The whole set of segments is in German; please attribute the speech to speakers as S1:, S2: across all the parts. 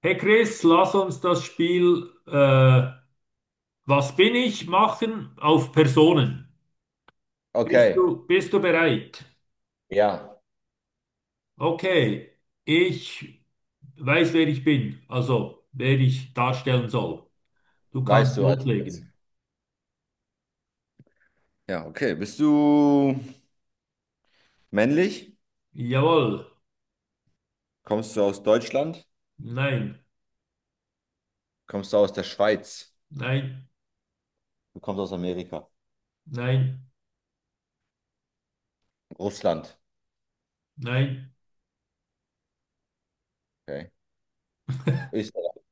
S1: Hey Chris, lass uns das Spiel was bin ich machen auf Personen.
S2: Okay,
S1: Bist du bereit?
S2: ja,
S1: Okay, ich weiß, wer ich bin, also wer ich darstellen soll. Du
S2: weißt
S1: kannst
S2: du also jetzt.
S1: loslegen.
S2: Ja, okay. Bist du männlich?
S1: Jawohl,
S2: Kommst du aus Deutschland?
S1: nein,
S2: Kommst du aus der Schweiz?
S1: nein,
S2: Du kommst aus Amerika.
S1: nein,
S2: Russland.
S1: nein.
S2: Okay. Österreich.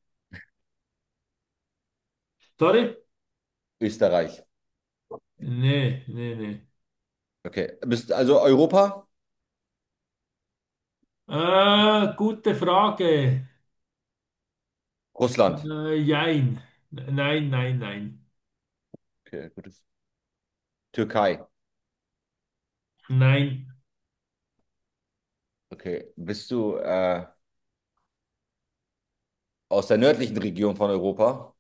S1: Sorry?
S2: Österreich.
S1: Nee, nee, nee.
S2: Okay. Bist also Europa?
S1: Gute Frage.
S2: Russland.
S1: Jein. Nein, nein, nein.
S2: Okay, gutes. Türkei.
S1: Nein.
S2: Okay. Bist du aus der nördlichen Region von Europa?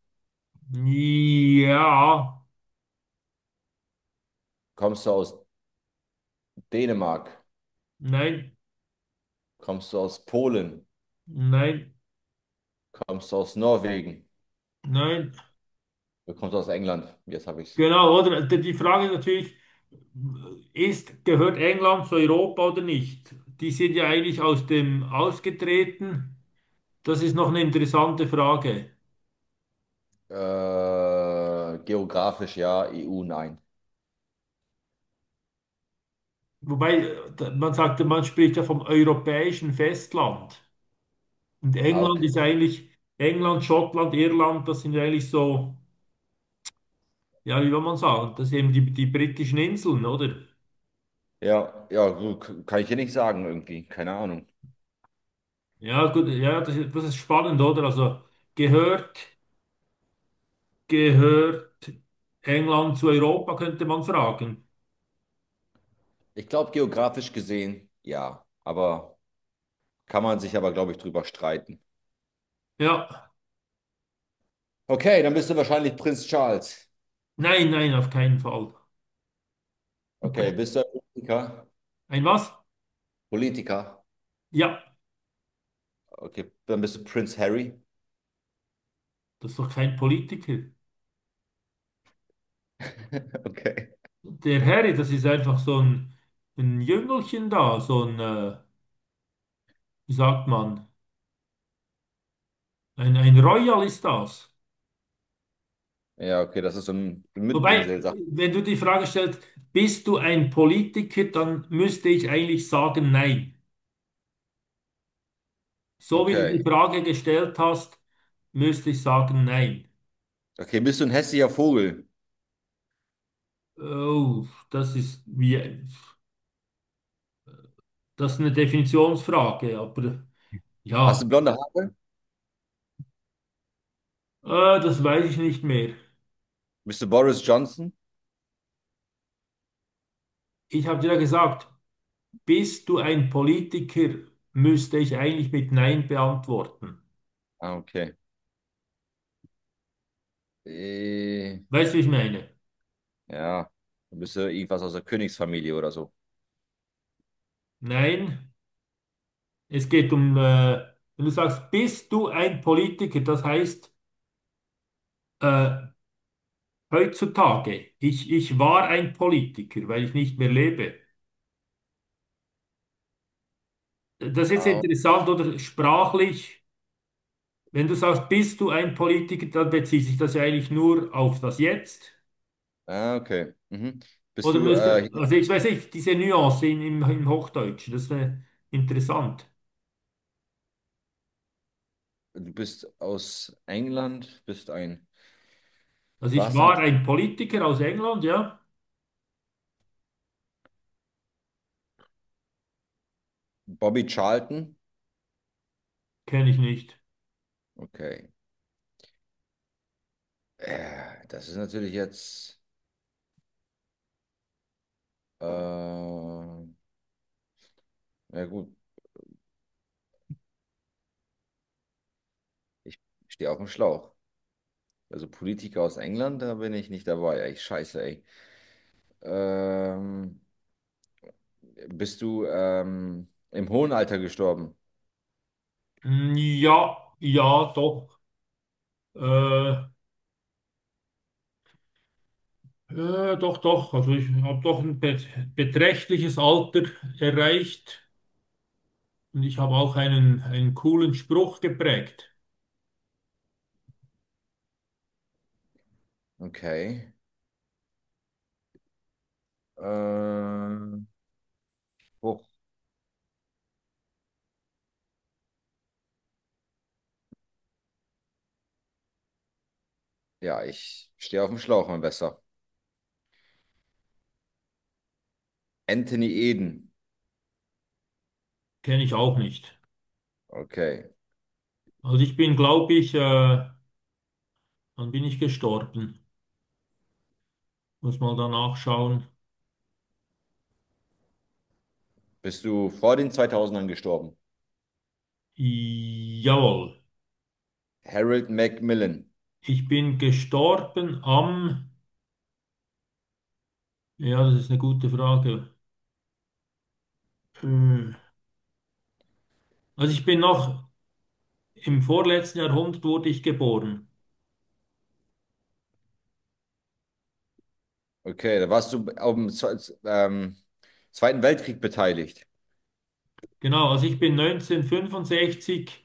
S1: Ja.
S2: Kommst du aus Dänemark?
S1: Nein,
S2: Kommst du aus Polen?
S1: nein,
S2: Kommst du aus Norwegen?
S1: nein.
S2: Du kommst aus England. Jetzt habe ich es.
S1: Genau, oder? Die Frage ist natürlich, ist, gehört England zu Europa oder nicht? Die sind ja eigentlich aus dem ausgetreten. Das ist noch eine interessante Frage.
S2: Geografisch ja, EU nein.
S1: Wobei, man sagt, man spricht ja vom europäischen Festland. Und
S2: Ah,
S1: England ist
S2: okay.
S1: eigentlich, England, Schottland, Irland, das sind ja eigentlich so, ja, wie will man sagen, das sind eben die, die britischen Inseln, oder?
S2: Ja, ja, gut, kann ich hier nicht sagen irgendwie, keine Ahnung.
S1: Ja, gut, ja, das ist spannend, oder? Also gehört. Gehört England zu Europa, könnte man fragen.
S2: Ich glaube, geografisch gesehen, ja, aber kann man sich aber, glaube ich, drüber streiten.
S1: Ja,
S2: Okay, dann bist du wahrscheinlich Prinz Charles.
S1: nein, nein, auf keinen Fall.
S2: Okay, bist du ein Politiker?
S1: Ein was?
S2: Politiker.
S1: Ja,
S2: Okay, dann bist du Prinz Harry.
S1: das ist doch kein Politiker.
S2: Okay.
S1: Der Harry, das ist einfach so ein Jüngelchen da, so ein, wie sagt man, ein Royal ist das.
S2: Ja, okay, das ist so ein
S1: Wobei,
S2: Mitbringsel, sagt.
S1: wenn du die Frage stellst, bist du ein Politiker, dann müsste ich eigentlich sagen, nein. So wie du die
S2: Okay.
S1: Frage gestellt hast, müsste ich sagen, nein.
S2: Okay, bist du ein hässlicher Vogel?
S1: Oh, das ist wie. Das ist eine Definitionsfrage, aber ja,
S2: Hast du blonde Haare?
S1: äh, das weiß ich nicht mehr.
S2: Bist du Boris Johnson?
S1: Ich habe dir ja gesagt, bist du ein Politiker, müsste ich eigentlich mit Nein beantworten.
S2: Ah, okay. Äh,
S1: Weißt du, wie ich meine?
S2: Ja, du bist ja irgendwas aus der Königsfamilie oder so.
S1: Nein, es geht um, wenn du sagst, bist du ein Politiker, das heißt, äh, heutzutage, ich war ein Politiker, weil ich nicht mehr lebe. Das ist
S2: Ah,
S1: interessant oder sprachlich. Wenn du sagst, bist du ein Politiker, dann bezieht sich das ja eigentlich nur auf das Jetzt.
S2: ah, okay. Mhm. Bist
S1: Oder
S2: du, äh,
S1: müsste, also
S2: hier-
S1: ich weiß nicht, diese Nuance im Hochdeutschen, das ist interessant.
S2: Du bist aus England, bist ein,
S1: Also ich
S2: warst ein
S1: war ein Politiker aus England, ja,
S2: Bobby Charlton?
S1: kenne ich nicht.
S2: Okay. Das ist natürlich jetzt, ja gut, ich stehe auf dem Schlauch. Also Politiker aus England, da bin ich nicht dabei. Ey, scheiße, ey. Ähm, Bist du im hohen Alter gestorben?
S1: Hm, ja, ja, doch, äh, doch, doch. Also ich habe doch ein beträchtliches Alter erreicht und ich habe auch einen, einen coolen Spruch geprägt.
S2: Okay. Ähm, Ja, ich stehe auf dem Schlauch, mein Bester. Anthony Eden.
S1: Kenne ich auch nicht.
S2: Okay.
S1: Also ich bin, glaube ich, wann bin ich gestorben? Muss mal danach schauen.
S2: Bist du vor den 2000ern gestorben?
S1: Jawohl.
S2: Harold Macmillan.
S1: Ich bin gestorben am, ja, das ist eine gute Frage. Äh, Also ich bin noch im vorletzten Jahrhundert wurde ich geboren.
S2: Okay, da warst du am Zweiten Weltkrieg beteiligt.
S1: Genau, also ich bin 1965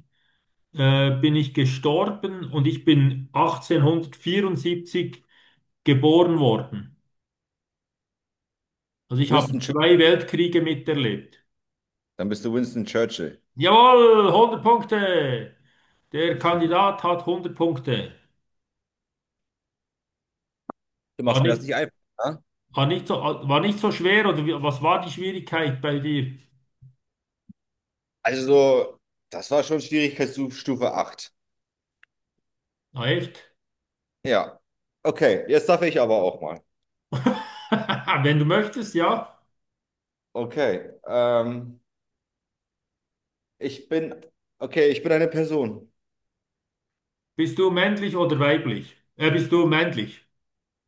S1: bin ich gestorben und ich bin 1874 geboren worden. Also ich habe
S2: Winston Churchill.
S1: zwei Weltkriege miterlebt.
S2: Dann bist du Winston Churchill.
S1: Jawohl, 100 Punkte. Der Kandidat hat 100 Punkte.
S2: Du
S1: War
S2: machst mir das
S1: nicht,
S2: nicht einfach. Ne?
S1: war nicht so schwer oder wie, was war die Schwierigkeit bei dir?
S2: Also, das war schon Schwierigkeitsstufe 8.
S1: Na echt?
S2: Ja. Okay, jetzt darf ich aber auch mal.
S1: Wenn du möchtest, ja.
S2: Okay. Ich bin. Okay, ich bin eine Person.
S1: Bist du männlich oder weiblich? Bist du männlich?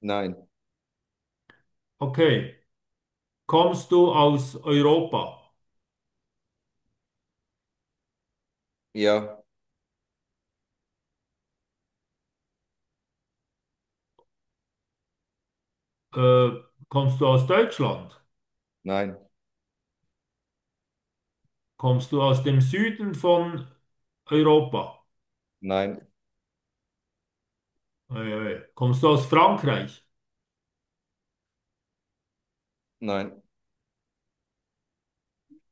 S2: Nein.
S1: Okay. Kommst du aus Europa?
S2: Ja.
S1: Äh, Kommst du aus Deutschland?
S2: Nein.
S1: Kommst du aus dem Süden von Europa?
S2: Nein.
S1: Ei, ei. Kommst du aus Frankreich?
S2: Nein.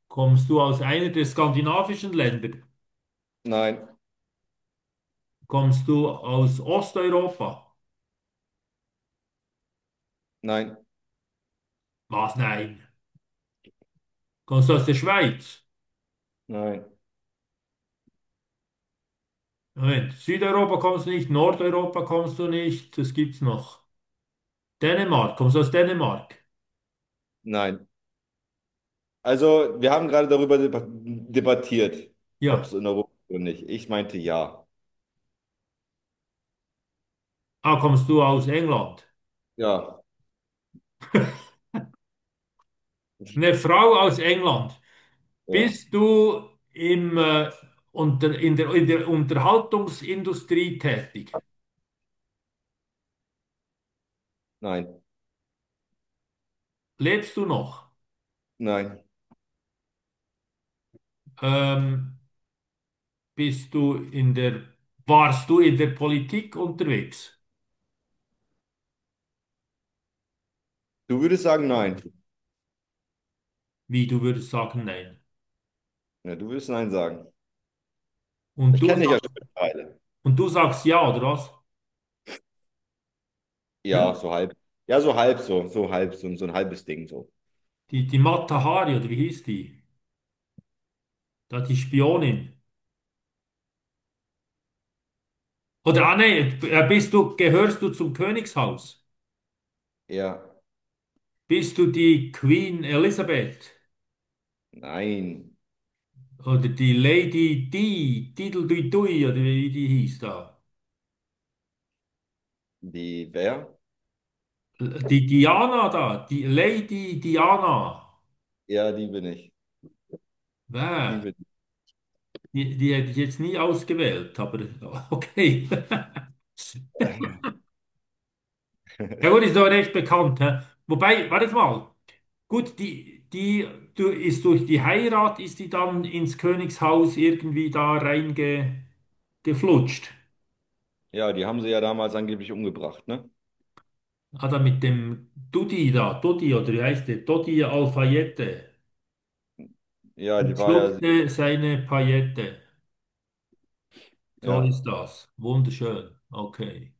S1: Kommst du aus einer der skandinavischen Länder?
S2: Nein,
S1: Kommst du aus Osteuropa?
S2: nein,
S1: Was? Nein. Kommst du aus der Schweiz?
S2: nein,
S1: Moment. Südeuropa kommst du nicht, Nordeuropa kommst du nicht. Das gibt's noch. Dänemark, kommst du aus Dänemark?
S2: nein. Also, wir haben gerade darüber debattiert, ob es
S1: Ja.
S2: in Europa ist oder nicht. Ich meinte ja.
S1: Ah, kommst du aus England?
S2: Ja,
S1: Eine Frau aus England.
S2: ja,
S1: Bist du im, unter, in der Unterhaltungsindustrie tätig?
S2: nein,
S1: Lebst du noch?
S2: nein.
S1: Ähm, bist du in der, warst du in der Politik unterwegs?
S2: Du würdest sagen nein.
S1: Wie, du würdest sagen, nein.
S2: Ja, du würdest nein sagen.
S1: Und
S2: Ich
S1: du,
S2: kenne dich ja
S1: sag-
S2: schon mittlerweile.
S1: und du sagst ja, oder was? Hä?
S2: Ja, so halb. Ja, so halb so, so halb so, so ein halbes Ding so.
S1: Die, die Mata Hari, oder wie hieß die? Da die Spionin. Oder, ah, nee, bist du, gehörst du zum Königshaus?
S2: Ja,
S1: Bist du die Queen Elizabeth
S2: nein.
S1: oder die Lady Di, Diddledui oder wie die hieß da?
S2: Die wer?
S1: Die Diana da, die Lady Diana.
S2: Ja, die bin ich. Die
S1: Wer?
S2: bin
S1: Die, die hätte ich jetzt nie ausgewählt, aber okay.
S2: ich.
S1: Ja gut, ist doch recht bekannt. Hä? Wobei, warte mal. Gut, die, die du, ist durch die Heirat, ist die dann ins Königshaus irgendwie da reingeflutscht.
S2: Ja, die haben sie ja damals angeblich umgebracht, ne?
S1: Ah, da mit dem Dudi da, Dudi oder wie heißt der? Dodi Alfayette
S2: Ja, die
S1: und
S2: war ja,
S1: schluckte seine Paillette. So
S2: ja.
S1: ist das. Wunderschön. Okay.